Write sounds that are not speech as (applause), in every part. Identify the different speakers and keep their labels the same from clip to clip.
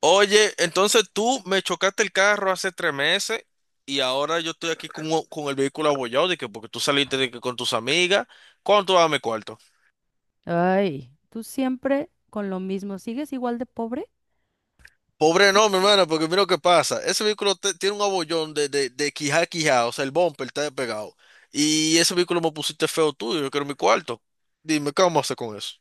Speaker 1: Oye, entonces tú me chocaste el carro hace 3 meses y ahora yo estoy aquí con, con el vehículo abollado de que porque tú saliste de que con tus amigas. ¿Cuánto dame cuarto?
Speaker 2: Ay, tú siempre con lo mismo, ¿sigues igual de pobre?
Speaker 1: Pobre no, mi hermana, porque mira lo que pasa. Ese vehículo tiene un abollón de quijá a quijá, o sea, el bumper está pegado. Y ese vehículo me pusiste feo tuyo, yo quiero mi cuarto. Dime, ¿qué vamos a hacer con eso?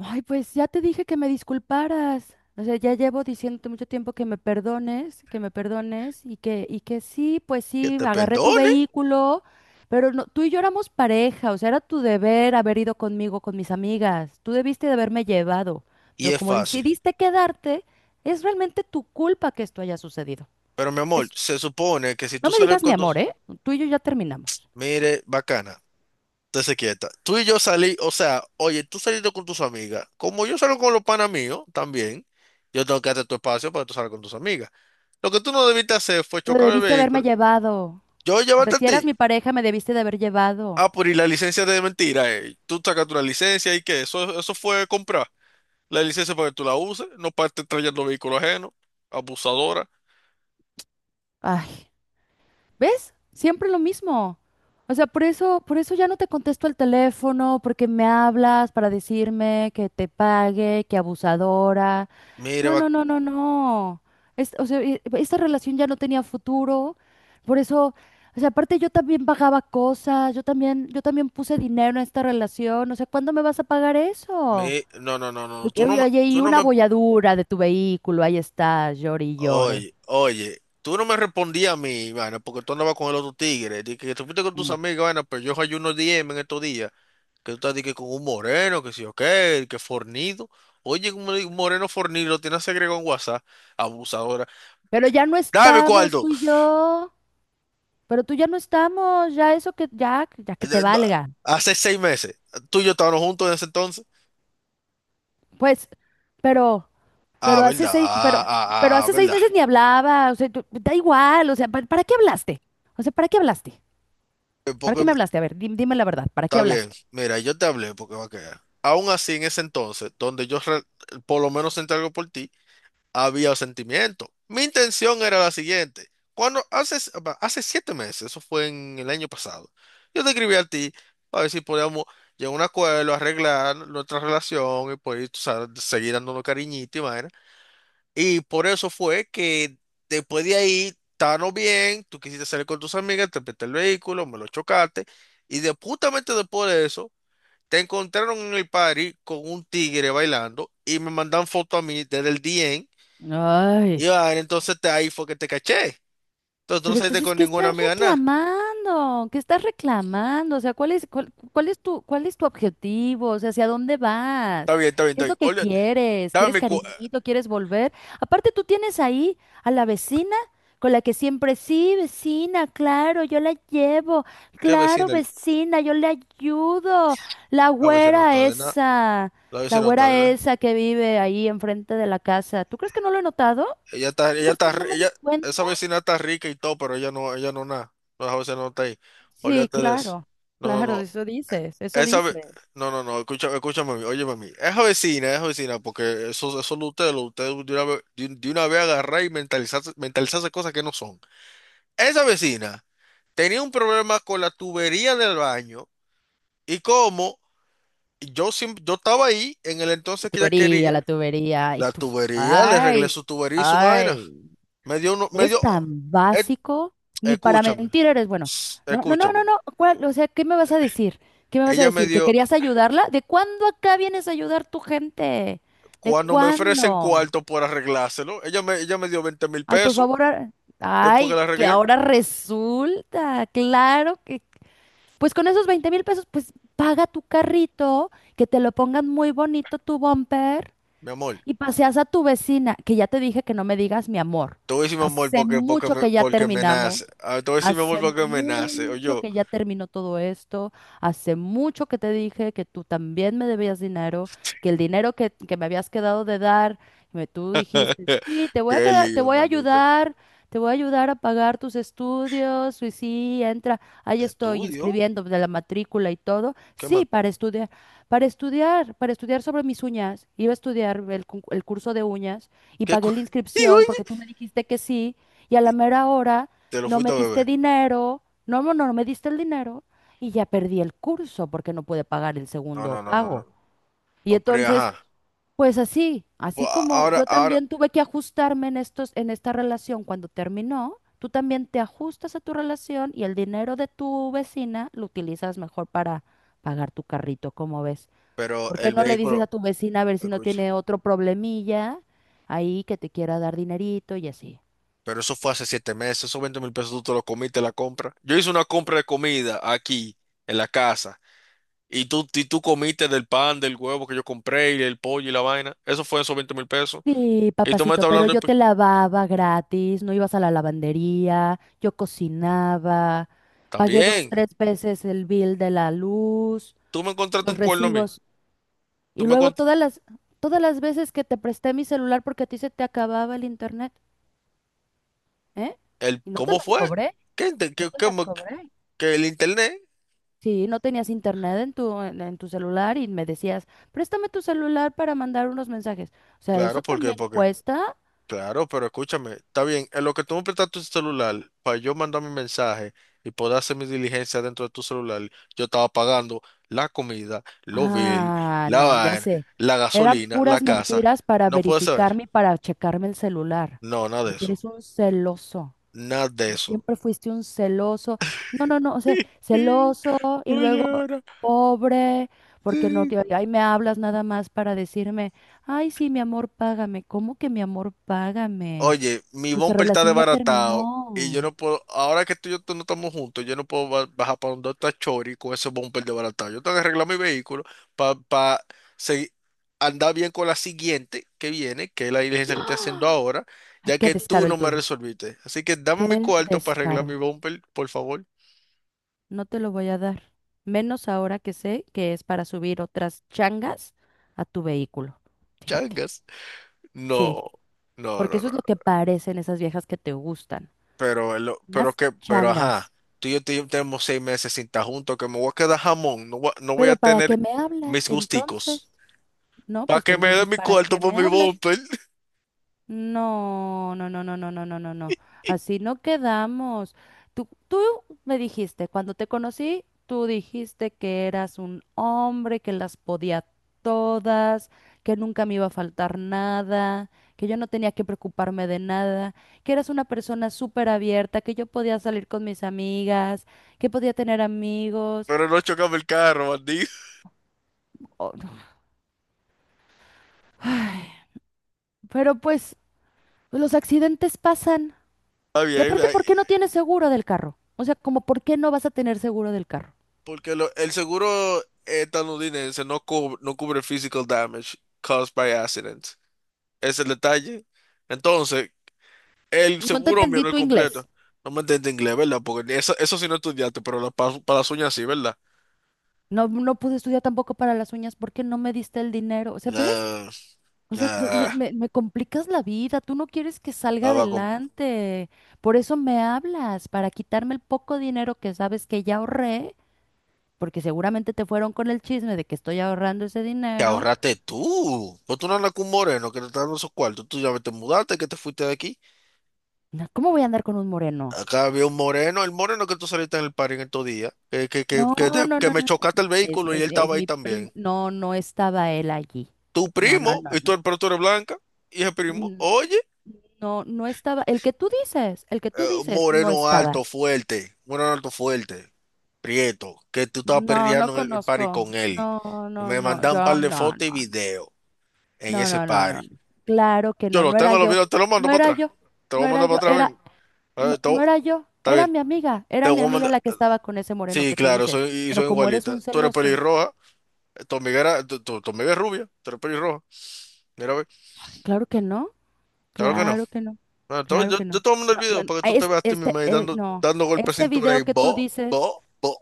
Speaker 2: Ay, pues ya te dije que me disculparas. O sea, ya llevo diciéndote mucho tiempo que me perdones y que sí, pues
Speaker 1: Que
Speaker 2: sí,
Speaker 1: te
Speaker 2: agarré tu
Speaker 1: perdone
Speaker 2: vehículo, pero no, tú y yo éramos pareja, o sea, era tu deber haber ido conmigo, con mis amigas. Tú debiste de haberme llevado,
Speaker 1: y
Speaker 2: pero
Speaker 1: es
Speaker 2: como
Speaker 1: fácil.
Speaker 2: decidiste quedarte, es realmente tu culpa que esto haya sucedido.
Speaker 1: Pero mi amor,
Speaker 2: Es,
Speaker 1: se supone que si tú
Speaker 2: no me
Speaker 1: sales
Speaker 2: digas mi
Speaker 1: con
Speaker 2: amor,
Speaker 1: tus...
Speaker 2: ¿eh? Tú y yo ya terminamos.
Speaker 1: Mire, bacana. Entonces quieta. Tú y yo salí, o sea, oye, tú saliste con tus amigas. Como yo salgo con los panas míos también, yo tengo que darte tu espacio para que tú salgas con tus amigas. Lo que tú no debiste hacer fue
Speaker 2: Pero
Speaker 1: chocar el
Speaker 2: debiste haberme
Speaker 1: vehículo.
Speaker 2: llevado.
Speaker 1: Yo
Speaker 2: O sea,
Speaker 1: llevarte a
Speaker 2: si eras
Speaker 1: ti.
Speaker 2: mi pareja, me debiste de haber llevado.
Speaker 1: Ah, por y la licencia de mentira, eh. Tú sacas tu licencia y que eso fue comprar. La licencia para que tú la uses, no para estar trayendo vehículo ajeno, abusadora.
Speaker 2: Ay, ¿ves? Siempre lo mismo. O sea, por eso ya no te contesto el teléfono, porque me hablas para decirme que te pague, que abusadora.
Speaker 1: Mire,
Speaker 2: No, no, no, no, no. O sea, esta relación ya no tenía futuro. Por eso, o sea, aparte yo también pagaba cosas, yo también puse dinero en esta relación. O sea, ¿cuándo me vas a pagar eso?
Speaker 1: no, no, no,
Speaker 2: De
Speaker 1: no, tú
Speaker 2: que,
Speaker 1: no
Speaker 2: oye,
Speaker 1: me,
Speaker 2: oye, y
Speaker 1: tú no
Speaker 2: una
Speaker 1: me
Speaker 2: bolladura de tu vehículo, ahí está, llore y llore.
Speaker 1: Oye, oye, tú no me respondías a mí, vaina, porque tú andabas con el otro tigre. Dije que tú fuiste con tus
Speaker 2: Mm.
Speaker 1: amigas, vaina, pero yo hay unos DM en estos días. Que tú estás dije, con un moreno, que sí o que fornido. Oye, un moreno fornido, lo tiene agregado en WhatsApp, abusadora.
Speaker 2: Pero ya no
Speaker 1: Dame
Speaker 2: estamos
Speaker 1: cuarto.
Speaker 2: tú y yo, pero tú ya no estamos, ya eso que ya que te
Speaker 1: No,
Speaker 2: valga.
Speaker 1: Hace 6 meses. Tú y yo estábamos juntos en ese entonces.
Speaker 2: Pues, pero
Speaker 1: Ah,
Speaker 2: pero hace
Speaker 1: verdad,
Speaker 2: seis,
Speaker 1: ah,
Speaker 2: pero pero
Speaker 1: ah, ah,
Speaker 2: hace seis
Speaker 1: verdad.
Speaker 2: meses ni hablaba, o sea, tú- da igual, o sea, ¿para, qué hablaste? O sea, ¿para qué hablaste?
Speaker 1: Eh,
Speaker 2: ¿Para
Speaker 1: Porque,
Speaker 2: qué me
Speaker 1: me-
Speaker 2: hablaste? A ver, dime la verdad, ¿para qué
Speaker 1: Está bien,
Speaker 2: hablaste?
Speaker 1: mira, yo te hablé porque va a quedar. Aún así, en ese entonces, por lo menos sentí algo por ti. Había sentimiento. Mi intención era la siguiente. Cuando hace, apa, hace 7 meses, eso fue en el año pasado, yo te escribí a ti para ver si podíamos llegar a un acuerdo, arreglar nuestra relación y poder tú sabes, seguir dándonos cariñito y vaina. Y por eso fue que después de ahí, estábamos bien, tú quisiste salir con tus amigas, te presté el vehículo, me lo chocaste. Y de, justamente después de eso, te encontraron en el party con un tigre bailando y me mandan foto a mí desde el DM y
Speaker 2: Ay.
Speaker 1: va, entonces te, ahí fue que te caché. Entonces tú no
Speaker 2: Pero
Speaker 1: saliste
Speaker 2: entonces,
Speaker 1: con
Speaker 2: ¿qué
Speaker 1: ninguna
Speaker 2: estás
Speaker 1: amiga, nada.
Speaker 2: reclamando? ¿Qué estás reclamando? O sea, cuál es tu objetivo? O sea, ¿hacia dónde
Speaker 1: Está
Speaker 2: vas?
Speaker 1: bien, está bien,
Speaker 2: ¿Qué
Speaker 1: está
Speaker 2: es
Speaker 1: bien.
Speaker 2: lo que
Speaker 1: Olvídate.
Speaker 2: quieres? ¿Quieres
Speaker 1: Dame mi cu...
Speaker 2: cariñito? ¿Quieres volver? Aparte, tú tienes ahí a la vecina con la que siempre, sí, vecina, claro, yo la llevo,
Speaker 1: ¿Qué
Speaker 2: claro,
Speaker 1: vecina?
Speaker 2: vecina, yo le ayudo. La
Speaker 1: La vecina no
Speaker 2: güera
Speaker 1: está de nada.
Speaker 2: esa,
Speaker 1: La
Speaker 2: la
Speaker 1: vecina no está de
Speaker 2: güera
Speaker 1: nada.
Speaker 2: esa que vive ahí enfrente de la casa. ¿Tú crees que no lo he notado? ¿Tú
Speaker 1: Ella
Speaker 2: crees que
Speaker 1: está,
Speaker 2: no
Speaker 1: ri-
Speaker 2: me di
Speaker 1: ella,
Speaker 2: cuenta?
Speaker 1: esa vecina está rica y todo, pero ella no nada. No, esa vecina no está ahí.
Speaker 2: Sí,
Speaker 1: Olvídate de eso.
Speaker 2: claro,
Speaker 1: No, no,
Speaker 2: claro,
Speaker 1: no.
Speaker 2: eso dices, eso
Speaker 1: Esa ve...
Speaker 2: dices.
Speaker 1: No, no, no. Escúchame, escúchame a mí. Óyeme a mí. Esa vecina, porque eso lo usted de una vez agarrar y mentalizarse, mentalizarse cosas que no son. Esa vecina tenía un problema con la tubería del baño y como yo, yo estaba ahí en el entonces que ella quería,
Speaker 2: La tubería, y
Speaker 1: la
Speaker 2: tus,
Speaker 1: tubería, le arreglé
Speaker 2: ay,
Speaker 1: su tubería y su vaina.
Speaker 2: ay,
Speaker 1: Me dio, uno- me
Speaker 2: eres
Speaker 1: dio,
Speaker 2: tan
Speaker 1: eh,
Speaker 2: básico, ni para
Speaker 1: escúchame,
Speaker 2: mentir eres bueno. No, no, no, no,
Speaker 1: escúchame.
Speaker 2: no, ¿cuál? O sea, ¿qué me vas a decir? ¿Qué me vas a
Speaker 1: Ella me
Speaker 2: decir? ¿Que
Speaker 1: dio,
Speaker 2: querías ayudarla? ¿De cuándo acá vienes a ayudar tu gente? ¿De
Speaker 1: cuando me ofrecen
Speaker 2: cuándo?
Speaker 1: cuarto por arreglárselo, ella me dio veinte mil
Speaker 2: Ay, por
Speaker 1: pesos
Speaker 2: favor,
Speaker 1: después que
Speaker 2: ay,
Speaker 1: la
Speaker 2: que
Speaker 1: arreglé.
Speaker 2: ahora resulta, claro que pues con esos 20,000 pesos, pues paga tu carrito, que te lo pongan muy bonito tu bumper
Speaker 1: Mi amor,
Speaker 2: y paseas a tu vecina, que ya te dije que no me digas mi amor.
Speaker 1: te voy a decir mi amor
Speaker 2: Hace mucho que ya
Speaker 1: porque me nace.
Speaker 2: terminamos,
Speaker 1: Ah, te voy a decir mi amor
Speaker 2: hace
Speaker 1: porque me nace. Oye,
Speaker 2: mucho que ya terminó todo esto, hace mucho que te dije que tú también me debías dinero, que el dinero que me habías quedado de dar, tú
Speaker 1: (laughs)
Speaker 2: dijiste, sí, te voy a
Speaker 1: qué
Speaker 2: quedar, te
Speaker 1: lío,
Speaker 2: voy a
Speaker 1: manito.
Speaker 2: ayudar. Te voy a ayudar a pagar tus estudios, y sí, entra, ahí estoy
Speaker 1: Estudio.
Speaker 2: inscribiendo de la matrícula y todo.
Speaker 1: ¿Qué más?
Speaker 2: Sí, para estudiar. Para estudiar, para estudiar sobre mis uñas, iba a estudiar el curso de uñas y
Speaker 1: ¿Qué cu-
Speaker 2: pagué la
Speaker 1: (laughs) Y
Speaker 2: inscripción porque
Speaker 1: oye,
Speaker 2: tú me dijiste que sí y a
Speaker 1: y
Speaker 2: la mera hora
Speaker 1: te lo
Speaker 2: no
Speaker 1: fuiste
Speaker 2: me
Speaker 1: a
Speaker 2: diste
Speaker 1: beber.
Speaker 2: dinero, no me diste el dinero y ya perdí el curso porque no pude pagar el
Speaker 1: No,
Speaker 2: segundo
Speaker 1: no, no, no,
Speaker 2: pago.
Speaker 1: no.
Speaker 2: Y
Speaker 1: No, pero
Speaker 2: entonces,
Speaker 1: ajá.
Speaker 2: pues así,
Speaker 1: Pues,
Speaker 2: así como
Speaker 1: ahora,
Speaker 2: yo
Speaker 1: ahora,
Speaker 2: también tuve que ajustarme en esta relación cuando terminó, tú también te ajustas a tu relación y el dinero de tu vecina lo utilizas mejor para pagar tu carrito, ¿cómo ves?
Speaker 1: pero
Speaker 2: ¿Por qué
Speaker 1: el
Speaker 2: no le dices
Speaker 1: vehículo,
Speaker 2: a tu vecina a ver si no
Speaker 1: escucha,
Speaker 2: tiene otro problemilla ahí que te quiera dar dinerito y así?
Speaker 1: pero eso fue hace 7 meses, esos 20,000 pesos tú te lo comiste la compra. Yo hice una compra de comida aquí, en la casa, y tú comiste del pan, del huevo que yo compré, y el pollo y la vaina. Eso fue esos 20,000 pesos.
Speaker 2: Sí,
Speaker 1: Y tú me
Speaker 2: papacito,
Speaker 1: estás
Speaker 2: pero
Speaker 1: hablando,
Speaker 2: yo te lavaba gratis, no ibas a la lavandería, yo cocinaba,
Speaker 1: está
Speaker 2: pagué dos,
Speaker 1: bien,
Speaker 2: tres veces el bill de la luz,
Speaker 1: tú me encontraste
Speaker 2: los
Speaker 1: un cuerno a mí.
Speaker 2: recibos,
Speaker 1: Tú
Speaker 2: y
Speaker 1: me
Speaker 2: luego
Speaker 1: encont-
Speaker 2: todas las veces que te presté mi celular porque a ti se te acababa el internet, ¿eh?
Speaker 1: el,
Speaker 2: Y no te
Speaker 1: ¿cómo
Speaker 2: las
Speaker 1: fue?
Speaker 2: cobré,
Speaker 1: ¿Qué,
Speaker 2: no te las cobré.
Speaker 1: que el internet?
Speaker 2: Sí, no tenías internet en tu celular y me decías, préstame tu celular para mandar unos mensajes. O sea,
Speaker 1: Claro,
Speaker 2: eso también cuesta.
Speaker 1: claro, pero escúchame, está bien, en lo que tú me prestas tu celular, para yo mandar mi mensaje y poder hacer mi diligencia dentro de tu celular, yo estaba pagando la comida, los bill,
Speaker 2: Ah,
Speaker 1: la
Speaker 2: no, ya
Speaker 1: vaina,
Speaker 2: sé.
Speaker 1: la
Speaker 2: Eran
Speaker 1: gasolina, la
Speaker 2: puras
Speaker 1: casa.
Speaker 2: mentiras para
Speaker 1: No puede ser.
Speaker 2: verificarme y para checarme el celular,
Speaker 1: No, nada de
Speaker 2: porque
Speaker 1: eso.
Speaker 2: eres un celoso.
Speaker 1: Nada de eso.
Speaker 2: Siempre fuiste un celoso. No, no, no, o sea,
Speaker 1: (laughs)
Speaker 2: celoso y
Speaker 1: Oye,
Speaker 2: luego
Speaker 1: ahora.
Speaker 2: pobre, porque no, que
Speaker 1: (laughs)
Speaker 2: ahí me hablas nada más para decirme, ay, sí, mi amor, págame. ¿Cómo que mi amor, págame?
Speaker 1: Oye, mi
Speaker 2: Nuestra
Speaker 1: bumper está
Speaker 2: relación ya
Speaker 1: desbaratado y yo
Speaker 2: terminó.
Speaker 1: no puedo, ahora que tú no estamos juntos, yo no puedo bajar para donde está Chori con ese bumper desbaratado. Yo tengo que arreglar mi vehículo para andar bien con la siguiente que viene, que es la diligencia que estoy haciendo ahora,
Speaker 2: Ay,
Speaker 1: ya
Speaker 2: qué
Speaker 1: que tú
Speaker 2: descaro
Speaker 1: no
Speaker 2: el
Speaker 1: me
Speaker 2: tuyo.
Speaker 1: resolviste. Así que dame mi
Speaker 2: Qué
Speaker 1: cuarto para arreglar mi
Speaker 2: descaro.
Speaker 1: bumper, por favor.
Speaker 2: No te lo voy a dar. Menos ahora que sé que es para subir otras changas a tu vehículo. Fíjate.
Speaker 1: Changas.
Speaker 2: Sí,
Speaker 1: No, no,
Speaker 2: porque
Speaker 1: no,
Speaker 2: eso
Speaker 1: no.
Speaker 2: es lo que parecen esas viejas que te gustan.
Speaker 1: Pero, pero
Speaker 2: Unas
Speaker 1: que, pero ajá,
Speaker 2: changas.
Speaker 1: tú y yo tenemos 6 meses sin estar juntos, que me voy a quedar jamón, no voy a
Speaker 2: Pero ¿para
Speaker 1: tener
Speaker 2: qué me hablas
Speaker 1: mis gusticos.
Speaker 2: entonces? No,
Speaker 1: Para
Speaker 2: pues
Speaker 1: que
Speaker 2: pues,
Speaker 1: me dé
Speaker 2: entonces,
Speaker 1: mi
Speaker 2: ¿para
Speaker 1: cuarto
Speaker 2: qué
Speaker 1: por
Speaker 2: me
Speaker 1: mi
Speaker 2: hablas?
Speaker 1: bumper, (laughs)
Speaker 2: No, no, no, no, no, no, no, no, no. Así no quedamos. Tú me dijiste, cuando te conocí, tú dijiste que eras un hombre, que las podía todas, que nunca me iba a faltar nada, que yo no tenía que preocuparme de nada, que eras una persona súper abierta, que yo podía salir con mis amigas, que podía tener amigos.
Speaker 1: pero no chocame el carro, bandido.
Speaker 2: Oh, no. Ay, pero pues los accidentes pasan.
Speaker 1: Está
Speaker 2: Y
Speaker 1: bien,
Speaker 2: aparte,
Speaker 1: ay,
Speaker 2: ¿por qué no tienes seguro del carro? O sea, como, ¿por qué no vas a tener seguro del carro?
Speaker 1: el seguro estadounidense no cubre, no cubre physical damage caused by accident. Es el detalle. Entonces, el
Speaker 2: No te
Speaker 1: seguro mío
Speaker 2: entendí
Speaker 1: no es
Speaker 2: tu inglés.
Speaker 1: completo. No me entiendes inglés, ¿verdad? Porque eso sí no estudiaste, pero para las uñas sí, ¿verdad?
Speaker 2: No, no pude estudiar tampoco para las uñas. ¿Por qué no me diste el dinero? O sea, ¿ves?
Speaker 1: Ah,
Speaker 2: O sea,
Speaker 1: ah.
Speaker 2: me complicas la vida. Tú no quieres que salga
Speaker 1: Estaba con...
Speaker 2: adelante. Por eso me hablas, para quitarme el poco dinero que sabes que ya ahorré, porque seguramente te fueron con el chisme de que estoy ahorrando ese
Speaker 1: que
Speaker 2: dinero.
Speaker 1: ahorraste tú. Pues tú no andas con un moreno que te está dando esos cuartos. Tú ya te mudaste, que te fuiste de aquí.
Speaker 2: No, ¿cómo voy a andar con un moreno?
Speaker 1: Acá había un moreno, el moreno que tú saliste en el party en estos días,
Speaker 2: No,
Speaker 1: que,
Speaker 2: no, no,
Speaker 1: que
Speaker 2: no,
Speaker 1: me
Speaker 2: no.
Speaker 1: chocaste el
Speaker 2: Es,
Speaker 1: vehículo y él
Speaker 2: es, es
Speaker 1: estaba ahí
Speaker 2: mi primo.
Speaker 1: también.
Speaker 2: No, no estaba él allí.
Speaker 1: Tu
Speaker 2: No, no,
Speaker 1: primo,
Speaker 2: no,
Speaker 1: y
Speaker 2: no.
Speaker 1: tú, pero tú eres blanca, y el primo,
Speaker 2: N-
Speaker 1: oye,
Speaker 2: No, no estaba. El que tú dices, no estaba.
Speaker 1: moreno alto, fuerte, prieto, que tú estabas
Speaker 2: No, no
Speaker 1: perreando en el party
Speaker 2: conozco.
Speaker 1: con él.
Speaker 2: No,
Speaker 1: Y
Speaker 2: no,
Speaker 1: me
Speaker 2: no.
Speaker 1: mandan
Speaker 2: Yo,
Speaker 1: un par de
Speaker 2: no,
Speaker 1: fotos y
Speaker 2: no, no.
Speaker 1: videos en
Speaker 2: No,
Speaker 1: ese
Speaker 2: no, no, no, no.
Speaker 1: party.
Speaker 2: Claro que
Speaker 1: Yo
Speaker 2: no,
Speaker 1: los
Speaker 2: no era
Speaker 1: tengo, los
Speaker 2: yo.
Speaker 1: videos, te los mando
Speaker 2: No
Speaker 1: para
Speaker 2: era
Speaker 1: atrás.
Speaker 2: yo.
Speaker 1: Te los
Speaker 2: No
Speaker 1: voy a
Speaker 2: era
Speaker 1: mandar
Speaker 2: yo.
Speaker 1: para atrás, ven.
Speaker 2: No,
Speaker 1: Eh,
Speaker 2: no
Speaker 1: to-
Speaker 2: era yo.
Speaker 1: está
Speaker 2: Era
Speaker 1: bien,
Speaker 2: mi amiga.
Speaker 1: te
Speaker 2: Era mi
Speaker 1: voy a
Speaker 2: amiga
Speaker 1: mandar.
Speaker 2: la que estaba con ese moreno
Speaker 1: Sí,
Speaker 2: que tú
Speaker 1: claro,
Speaker 2: dices.
Speaker 1: soy, y
Speaker 2: Pero
Speaker 1: soy
Speaker 2: como eres
Speaker 1: igualita.
Speaker 2: un
Speaker 1: Tú eres
Speaker 2: celoso,
Speaker 1: pelirroja, tu amiga era, tu- tu amiga es rubia, tú eres pelirroja. Mira, ve,
Speaker 2: claro que no.
Speaker 1: claro que no.
Speaker 2: Claro que no,
Speaker 1: Bueno,
Speaker 2: claro
Speaker 1: yo,
Speaker 2: que
Speaker 1: yo
Speaker 2: no.
Speaker 1: te voy a mandar el
Speaker 2: No, no,
Speaker 1: video
Speaker 2: no,
Speaker 1: para que tú te veas tú
Speaker 2: este,
Speaker 1: misma ahí dando,
Speaker 2: no,
Speaker 1: dando golpes de
Speaker 2: ese
Speaker 1: cintura y
Speaker 2: video que tú
Speaker 1: bo,
Speaker 2: dices,
Speaker 1: bo, bo.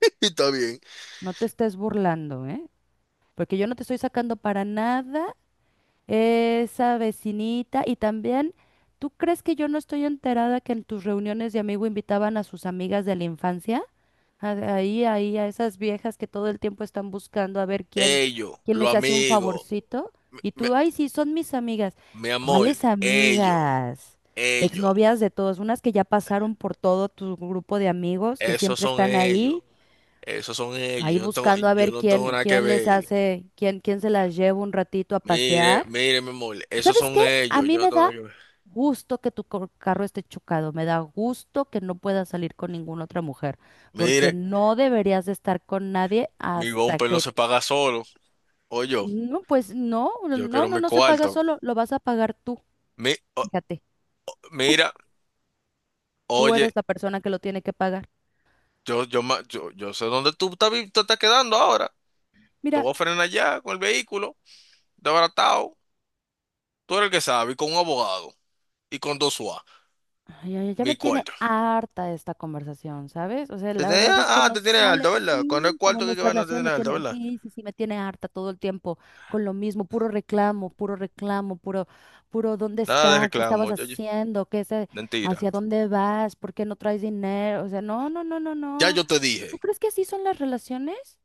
Speaker 1: (laughs) Y está bien.
Speaker 2: no te estés burlando, ¿eh? Porque yo no te estoy sacando para nada. Esa vecinita. Y también, ¿tú crees que yo no estoy enterada que en tus reuniones de amigo invitaban a sus amigas de la infancia? Ahí, ahí, a esas viejas que todo el tiempo están buscando a ver quién,
Speaker 1: Ellos,
Speaker 2: quién
Speaker 1: los
Speaker 2: les hace un
Speaker 1: amigos,
Speaker 2: favorcito.
Speaker 1: mi,
Speaker 2: Y
Speaker 1: mi-
Speaker 2: tú, ay, sí, son mis amigas.
Speaker 1: mi amor,
Speaker 2: ¿Cuáles
Speaker 1: ellos,
Speaker 2: amigas?
Speaker 1: ellos,
Speaker 2: Exnovias de todos, unas que ya pasaron por todo tu grupo de amigos, que
Speaker 1: esos
Speaker 2: siempre
Speaker 1: son
Speaker 2: están
Speaker 1: ellos,
Speaker 2: ahí,
Speaker 1: esos son ellos.
Speaker 2: ahí buscando a
Speaker 1: Yo
Speaker 2: ver
Speaker 1: no tengo
Speaker 2: quién,
Speaker 1: nada que
Speaker 2: quién les
Speaker 1: ver.
Speaker 2: hace, quién, quién se las lleva un ratito a
Speaker 1: Mire,
Speaker 2: pasear.
Speaker 1: mire, mi amor, esos
Speaker 2: ¿Sabes
Speaker 1: son
Speaker 2: qué? A
Speaker 1: ellos,
Speaker 2: mí
Speaker 1: yo no
Speaker 2: me
Speaker 1: tengo nada
Speaker 2: da
Speaker 1: que ver.
Speaker 2: gusto que carro esté chocado, me da gusto que no puedas salir con ninguna otra mujer, porque
Speaker 1: Mire.
Speaker 2: no deberías de estar con nadie
Speaker 1: Mi
Speaker 2: hasta
Speaker 1: bumper no
Speaker 2: que,
Speaker 1: se paga solo. Oye,
Speaker 2: no, pues no,
Speaker 1: yo quiero mi
Speaker 2: no se paga
Speaker 1: cuarto.
Speaker 2: solo, lo vas a pagar tú,
Speaker 1: Mi- o-
Speaker 2: fíjate, tú,
Speaker 1: mira,
Speaker 2: tú
Speaker 1: oye,
Speaker 2: eres la persona que lo tiene que pagar.
Speaker 1: yo, yo sé dónde tú estás, te estás quedando ahora. Te
Speaker 2: Mira,
Speaker 1: voy a frenar allá con el vehículo, desbaratado. Tú eres el que sabe, y con un abogado y con dos UA.
Speaker 2: ay, ay, ya
Speaker 1: Mi
Speaker 2: me tiene
Speaker 1: cuarto.
Speaker 2: harta esta conversación, ¿sabes? O sea, la verdad es que nos
Speaker 1: Te tienes
Speaker 2: sale,
Speaker 1: alto, ¿verdad? Con el
Speaker 2: sí, como
Speaker 1: cuarto que hay que
Speaker 2: nuestra
Speaker 1: ver no te
Speaker 2: relación me
Speaker 1: tienes alto,
Speaker 2: tiene,
Speaker 1: ¿verdad?
Speaker 2: sí, sí, sí, me tiene harta todo el tiempo con lo mismo, puro reclamo, puro reclamo, puro, puro, ¿dónde
Speaker 1: Nada de
Speaker 2: está? ¿Qué estabas
Speaker 1: reclamo,
Speaker 2: haciendo? ¿Qué es,
Speaker 1: mentira.
Speaker 2: hacia dónde vas? ¿Por qué no traes dinero? O sea, no, no, no, no,
Speaker 1: Ya
Speaker 2: no.
Speaker 1: yo te dije.
Speaker 2: ¿Tú crees que así son las relaciones?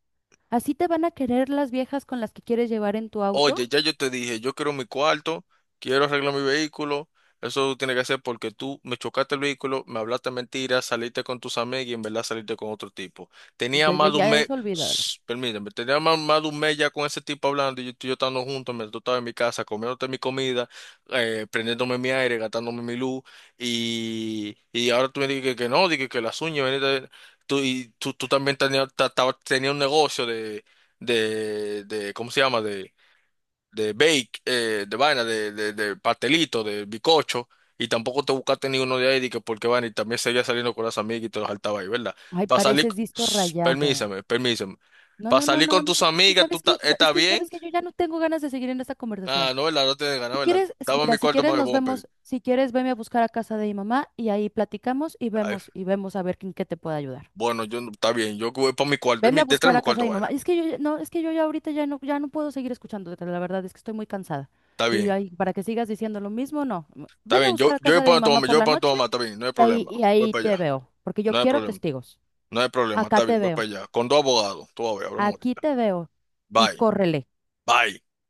Speaker 2: ¿Así te van a querer las viejas con las que quieres llevar en tu auto?
Speaker 1: Oye, ya yo te dije, yo quiero mi cuarto, quiero arreglar mi vehículo. Eso tiene que hacer porque tú me chocaste el vehículo, me hablaste mentiras, saliste con tus amigos y en verdad saliste con otro tipo. Tenía más
Speaker 2: Desde
Speaker 1: de un
Speaker 2: ya
Speaker 1: mes,
Speaker 2: eso olvídalo.
Speaker 1: Shh, permíteme, tenía más, más de un mes ya con ese tipo hablando y yo, tú y yo estando juntos, mientras tú estabas en mi casa, comiéndote mi comida, prendiéndome mi aire, gastándome mi luz y ahora tú me dices que no, dije que las uñas, tú, y tú, tú también tenías tenías un negocio de ¿cómo se llama? De bake, de vaina, de pastelito, de bizcocho, y tampoco te buscaste ninguno de ahí, de que porque vaina, y también seguía saliendo con las amigas y te los saltaba ahí, ¿verdad?
Speaker 2: Ay,
Speaker 1: Para salir,
Speaker 2: pareces disco
Speaker 1: Shh,
Speaker 2: rayado.
Speaker 1: permíseme, permíseme.
Speaker 2: No,
Speaker 1: Para
Speaker 2: no, no,
Speaker 1: salir
Speaker 2: no,
Speaker 1: con
Speaker 2: no,
Speaker 1: tus amigas,
Speaker 2: es
Speaker 1: ¿estás
Speaker 2: que
Speaker 1: bien?
Speaker 2: sabes que yo ya no tengo ganas de seguir en esta
Speaker 1: Ah,
Speaker 2: conversación.
Speaker 1: no, ¿verdad? No tienes ganas,
Speaker 2: Si
Speaker 1: ¿verdad?
Speaker 2: quieres,
Speaker 1: Estaba en
Speaker 2: mira,
Speaker 1: mi
Speaker 2: si
Speaker 1: cuarto
Speaker 2: quieres
Speaker 1: más de
Speaker 2: nos
Speaker 1: bumper.
Speaker 2: vemos, si quieres veme a buscar a casa de mi mamá y ahí platicamos
Speaker 1: Ay,
Speaker 2: y vemos a ver en qué te puedo ayudar.
Speaker 1: bueno, yo, no- está bien, yo voy para mi cuarto,
Speaker 2: Veme a
Speaker 1: te trae
Speaker 2: buscar
Speaker 1: mi
Speaker 2: a casa
Speaker 1: cuarto,
Speaker 2: de mi mamá.
Speaker 1: vaina.
Speaker 2: Es que no, es que yo ya ahorita ya no puedo seguir escuchándote, la verdad es que estoy muy cansada.
Speaker 1: Está
Speaker 2: Y
Speaker 1: bien,
Speaker 2: ahí, para que sigas diciendo lo mismo, no.
Speaker 1: está
Speaker 2: Veme a
Speaker 1: bien, yo,
Speaker 2: buscar a
Speaker 1: yo voy
Speaker 2: casa de mi
Speaker 1: para tu
Speaker 2: mamá
Speaker 1: mamá, yo
Speaker 2: por
Speaker 1: voy
Speaker 2: la
Speaker 1: para tu
Speaker 2: noche
Speaker 1: mamá, está bien, no hay
Speaker 2: y
Speaker 1: problema, voy
Speaker 2: ahí
Speaker 1: para
Speaker 2: te
Speaker 1: allá,
Speaker 2: veo, porque yo
Speaker 1: no hay
Speaker 2: quiero
Speaker 1: problema,
Speaker 2: testigos.
Speaker 1: no hay problema,
Speaker 2: Acá
Speaker 1: está
Speaker 2: te
Speaker 1: bien, voy
Speaker 2: veo.
Speaker 1: para allá, con 2 abogados, tú vas a ver, hablamos
Speaker 2: Aquí
Speaker 1: ahorita.
Speaker 2: te veo y
Speaker 1: Bye.
Speaker 2: córrele.
Speaker 1: Bye.